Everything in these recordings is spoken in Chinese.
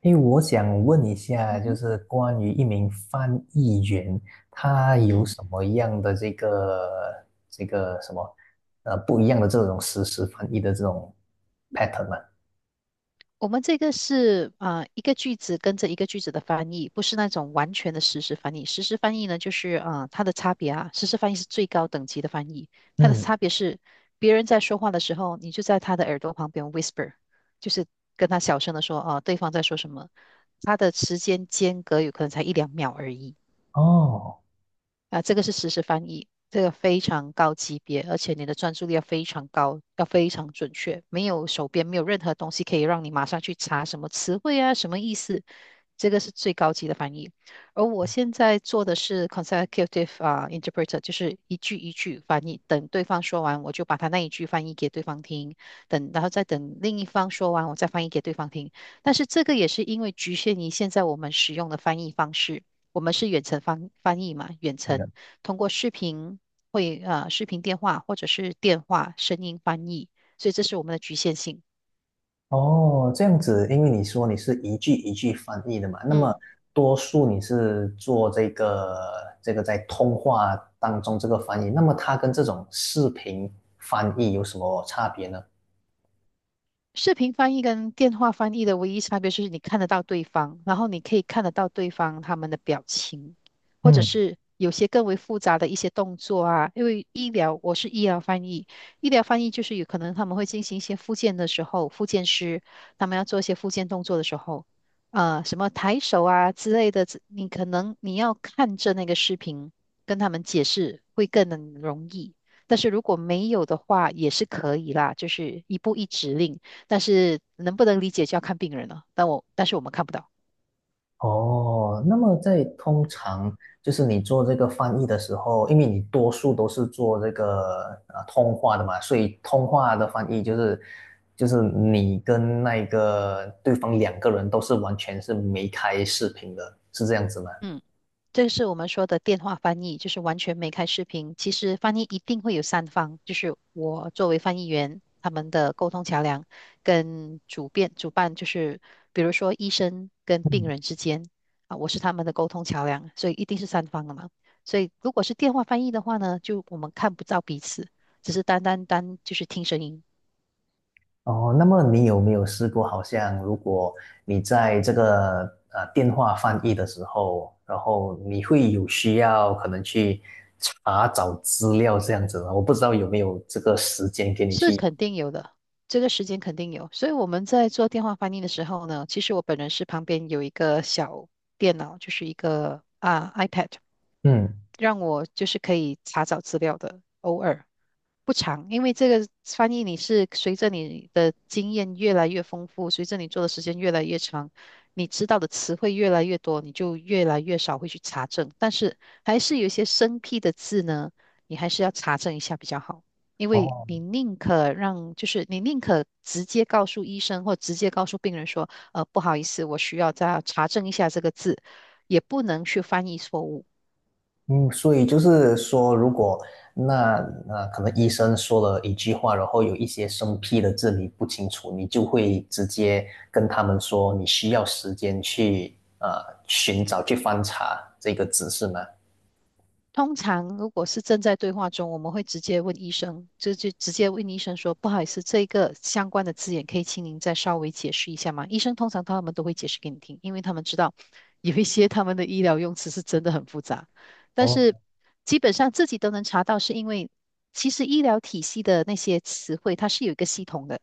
因为我想问一下，嗯就哼。是关于一名翻译员，他有嗯，什么样的这个什么不一样的这种实时翻译的这种 pattern 吗？我们这个是一个句子跟着一个句子的翻译，不是那种完全的实时翻译。实时翻译呢，就是它的差别啊，实时翻译是最高等级的翻译，它的嗯。差别是别人在说话的时候，你就在他的耳朵旁边 whisper，就是跟他小声的说对方在说什么，它的时间间隔有可能才一两秒而已。哦，啊，这个是实时翻译，这个非常高级别，而且你的专注力要非常高，要非常准确，没有手边没有任何东西可以让你马上去查什么词汇啊，什么意思，这个是最高级的翻译。而我现在做的是 consecutive 啊、interpreter，就是一句一句翻译，等对方说完，我就把他那一句翻译给对方听，等然后再等另一方说完，我再翻译给对方听。但是这个也是因为局限于现在我们使用的翻译方式。我们是远程翻译嘛，远对的。程通过视频会视频电话或者是电话声音翻译，所以这是我们的局限性。哦，这样子，因为你说你是一句一句翻译的嘛，那么嗯。多数你是做这个这个在通话当中这个翻译，那么它跟这种视频翻译有什么差别呢？视频翻译跟电话翻译的唯一差别就是你看得到对方，然后你可以看得到对方他们的表情，或者嗯。是有些更为复杂的一些动作啊。因为医疗，我是医疗翻译，医疗翻译就是有可能他们会进行一些复健的时候，复健师他们要做一些复健动作的时候，什么抬手啊之类的，你可能你要看着那个视频跟他们解释会更能容易。但是如果没有的话，也是可以啦，就是一步一指令。但是能不能理解就要看病人了。但是我们看不到。哦，那么在通常就是你做这个翻译的时候，因为你多数都是做这个通话的嘛，所以通话的翻译就是就是你跟那个对方两个人都是完全是没开视频的，是这样子吗？嗯，这是我们说的电话翻译，就是完全没开视频。其实翻译一定会有三方，就是我作为翻译员，他们的沟通桥梁跟主办，就是比如说医生跟病人之间啊，我是他们的沟通桥梁，所以一定是三方的嘛。所以如果是电话翻译的话呢，就我们看不到彼此，只是单单就是听声音。哦，那么你有没有试过，好像如果你在这个电话翻译的时候，然后你会有需要可能去查找资料这样子呢？我不知道有没有这个时间给你是去。肯定有的，这个时间肯定有。所以我们在做电话翻译的时候呢，其实我本人是旁边有一个小电脑，就是一个啊 iPad，嗯。让我就是可以查找资料的，偶尔。不长，因为这个翻译你是随着你的经验越来越丰富，随着你做的时间越来越长，你知道的词汇越来越多，你就越来越少会去查证。但是还是有一些生僻的字呢，你还是要查证一下比较好，因为哦。你宁可让，就是你宁可直接告诉医生或直接告诉病人说，呃，不好意思，我需要再查证一下这个字，也不能去翻译错误。嗯，所以就是说，如果那那可能医生说了一句话，然后有一些生僻的字你不清楚，你就会直接跟他们说你需要时间去寻找去翻查这个字是吗？通常如果是正在对话中，我们会直接问医生，就直接问医生说：“不好意思，这个相关的字眼可以请您再稍微解释一下吗？”医生通常他们都会解释给你听，因为他们知道有一些他们的医疗用词是真的很复杂，但是基本上自己都能查到，是因为其实医疗体系的那些词汇它是有一个系统的，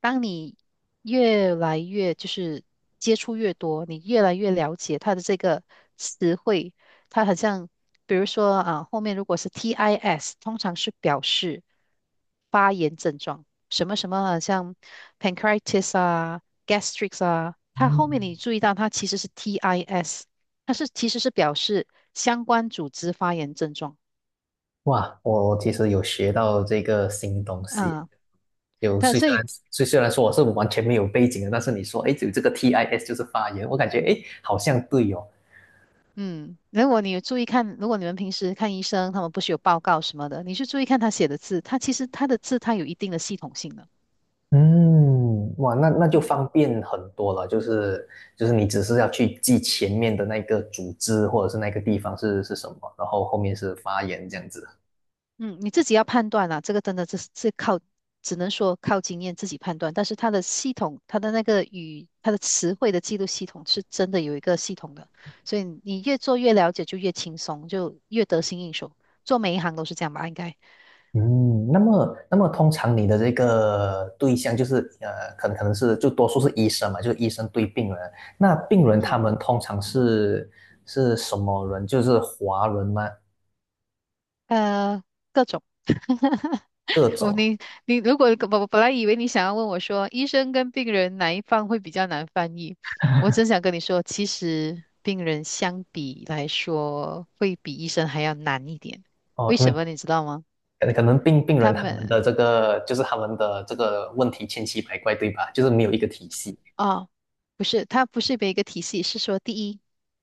当你越来越就是接触越多，你越来越了解它的这个词汇。它好像比如说啊，后面如果是 TIS，通常是表示发炎症状，什么什么啊像 pancreatitis 啊、gastrics 啊，它后嗯，面你注意到它其实是 TIS，它是其实是表示相关组织发炎症状。哇，我其实有学到这个新东西，啊。就但虽所虽以然虽然说我是完全没有背景的，但是你说，哎，有这个 TIS 就是发言，我感觉，哎，好像对哦。嗯，如果你有注意看，如果你们平时看医生，他们不是有报告什么的，你去注意看他写的字，他其实他的字他有一定的系统性的。嗯，哇，那那就嗯。方便很多了，就是就是你只是要去记前面的那个组织或者是那个地方是是什么，然后后面是发言这样子。嗯，你自己要判断啦，这个真的是靠，只能说靠经验自己判断。但是它的系统，它的那个语，它的词汇的记录系统是真的有一个系统的，所以你越做越了解，就越轻松，就越得心应手。做每一行都是这样吧，应该。嗯，那么，那么通常你的这个对象就是，可能是就多数是医生嘛，就是医生对病人。那病人他嗯，们通常是是什么人？就是华人吗？呃，各种。各哦，种。你如果我本来以为你想要问我说，医生跟病人哪一方会比较难翻译，我真想跟你说，其实病人相比来说会比医生还要难一点。哦，为因什为么你知道吗？可能病病他人他们的们这个就是他们的这个问题千奇百怪，对吧？就是没有一个体系。啊，不是，他不是每一个体系，是说第一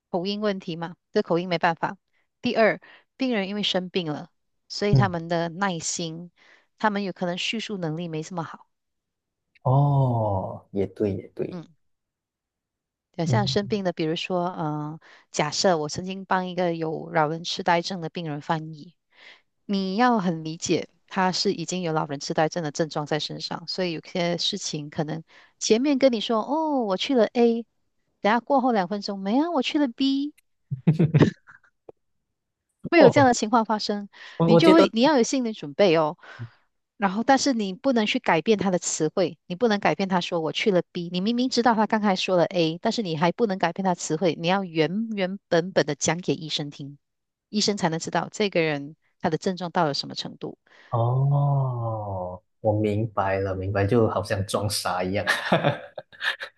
口音问题嘛，这口音没办法。第二，病人因为生病了，所以他嗯。们的耐心，他们有可能叙述能力没这么好。哦，也对，也对。嗯。对，像生嗯。病的，比如说，嗯，假设我曾经帮一个有老人痴呆症的病人翻译，你要很理解，他是已经有老人痴呆症的症状在身上，所以有些事情可能前面跟你说，哦，我去了 A，等下过后两分钟，没啊，我去了 B，会有这哦，样的情况发生，我你我就觉得会你要有心理准备哦。然后，但是你不能去改变他的词汇，你不能改变他说我去了 B，你明明知道他刚才说了 A，但是你还不能改变他词汇，你要原原本本的讲给医生听，医生才能知道这个人他的症状到了什么程度。哦，我明白了，明白，就好像装傻一样。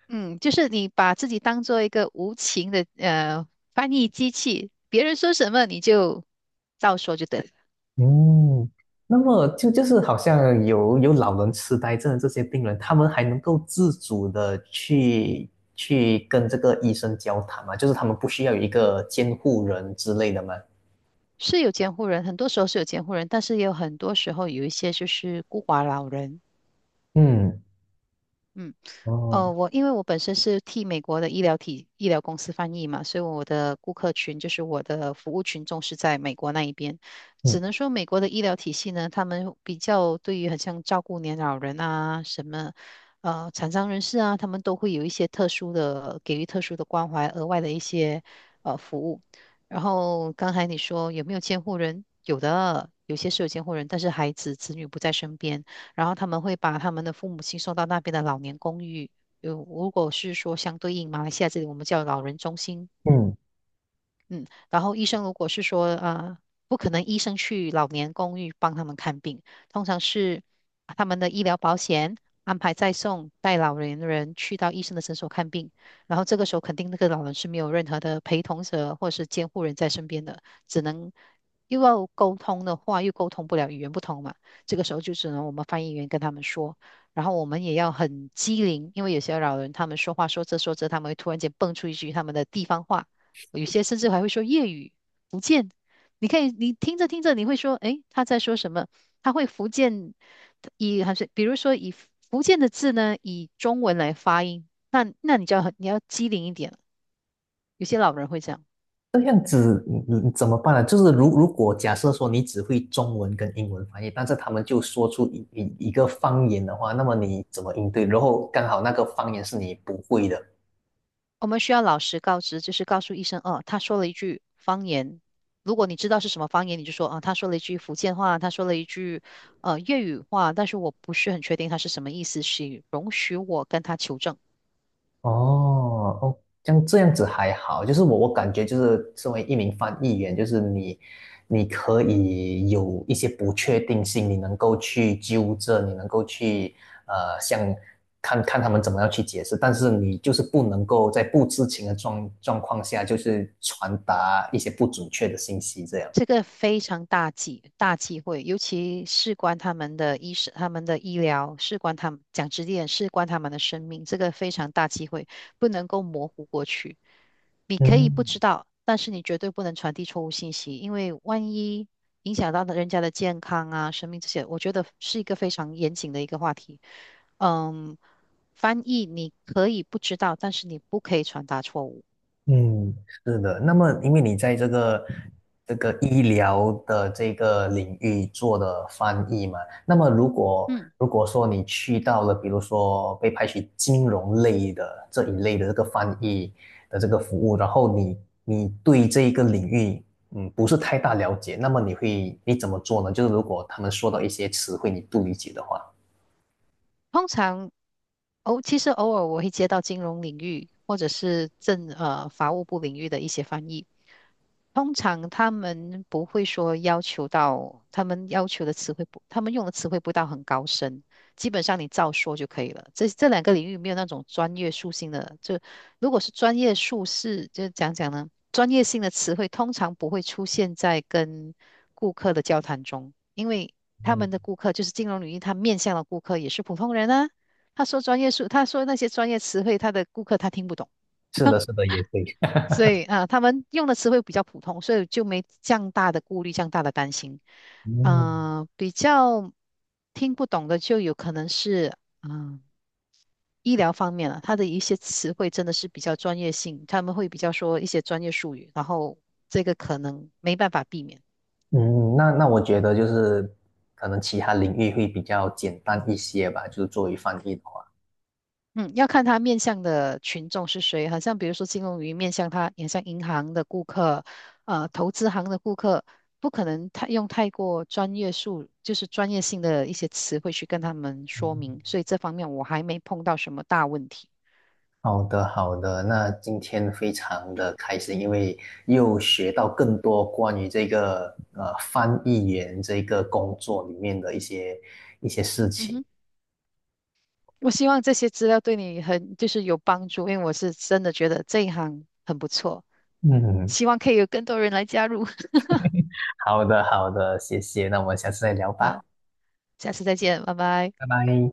嗯，就是你把自己当做一个无情的翻译机器，别人说什么你就照说就对了。嗯，那么就是好像有老人痴呆症的这些病人，他们还能够自主的去去跟这个医生交谈嘛？就是他们不需要有一个监护人之类的吗？是有监护人，很多时候是有监护人，但是也有很多时候有一些就是孤寡老人，嗯。嗯。哦。哦，我因为我本身是替美国的医疗公司翻译嘛，所以我的顾客群就是我的服务群众是在美国那一边。只嗯能说美国的医疗体系呢，他们比较对于很像照顾年老人什么残障人士啊，他们都会有一些特殊的给予特殊的关怀，额外的一些服务。然后刚才你说有没有监护人？有的，有些是有监护人，但是孩子子女不在身边。然后他们会把他们的父母亲送到那边的老年公寓，有如果是说相对应马来西亚这里，我们叫老人中心，嗯，嗯，然后医生如果是说呃，不可能医生去老年公寓帮他们看病，通常是他们的医疗保险安排再送带老年人去到医生的诊所看病，然后这个时候肯定那个老人是没有任何的陪同者或者是监护人在身边的，只能又要沟通的话又沟通不了，语言不通嘛，这个时候就只能我们翻译员跟他们说。然后我们也要很机灵，因为有些老人他们说话说着说着，他们会突然间蹦出一句他们的地方话，有些甚至还会说粤语、福建。你可以，你听着听着，你会说，诶，他在说什么？他会福建以还是比如说以福建的字呢，以中文来发音，那你就要很你要机灵一点了有些老人会这样，这样子你你怎么办呢？就是如果假设说你只会中文跟英文翻译，但是他们就说出一个方言的话，那么你怎么应对？然后刚好那个方言是你不会的。我们需要老实告知，就是告诉医生，哦，他说了一句方言。如果你知道是什么方言，你就说啊，他说了一句福建话，他说了一句粤语话，但是我不是很确定他是什么意思，请容许我跟他求证。哦哦，像这样子还好，就是我感觉就是身为一名翻译员，就是你你可以有一些不确定性，你能够去纠正，你能够去像看看他们怎么样去解释，但是你就是不能够在不知情的状况下，就是传达一些不准确的信息这样。这个非常大忌讳，尤其事关他们的医生、他们的医疗，事关他们讲直接点，事关他们的生命，这个非常大忌讳，不能够模糊过去。你可以不嗯知道，但是你绝对不能传递错误信息，因为万一影响到人家的健康啊、生命这些，我觉得是一个非常严谨的一个话题。嗯，翻译你可以不知道，但是你不可以传达错误。嗯，是的。那么，因为你在这个这个医疗的这个领域做的翻译嘛，那么嗯。如果说你去到了，比如说被派去金融类的这一类的这个翻译的这个服务，然后你你对这一个领域不是太大了解，那么你会你怎么做呢？就是如果他们说到一些词汇你不理解的话，通常哦，其实偶尔我会接到金融领域或者是法务部领域的一些翻译，通常他们不会说要求到，他们要求的词汇不，他们用的词汇不到很高深，基本上你照说就可以了。这两个领域没有那种专业属性的，就如果是专业术士，就讲讲呢，专业性的词汇通常不会出现在跟顾客的交谈中，因为他们的嗯。顾客就是金融领域，他面向的顾客也是普通人啊。他说专业术，他说那些专业词汇，他的顾客他听不懂。是的，是的，也对。所以啊，他们用的词汇比较普通，所以就没这样大的顾虑，这样大的担心。嗯呃，比较听不懂的就有可能是，嗯、医疗方面了，它的一些词汇真的是比较专业性，他们会比较说一些专业术语，然后这个可能没办法避免。嗯，那那我觉得就是可能其他领域会比较简单一些吧，就是作为翻译的话。嗯，要看他面向的群众是谁，好像比如说金融鱼面向他，面向银行的顾客，呃，投资行的顾客，不可能太过专业术，就是专业性的一些词汇去跟他们说明，所以这方面我还没碰到什么大问题。好的，好的，那今天非常的开心，因为又学到更多关于这个翻译员这个工作里面的一些一些事嗯情。哼，我希望这些资料对你很就是有帮助，因为我是真的觉得这一行很不错，嗯。希望可以有更多人来加入。好的，好的，谢谢，那我们下次再聊吧，好，下次再见，拜拜。拜拜。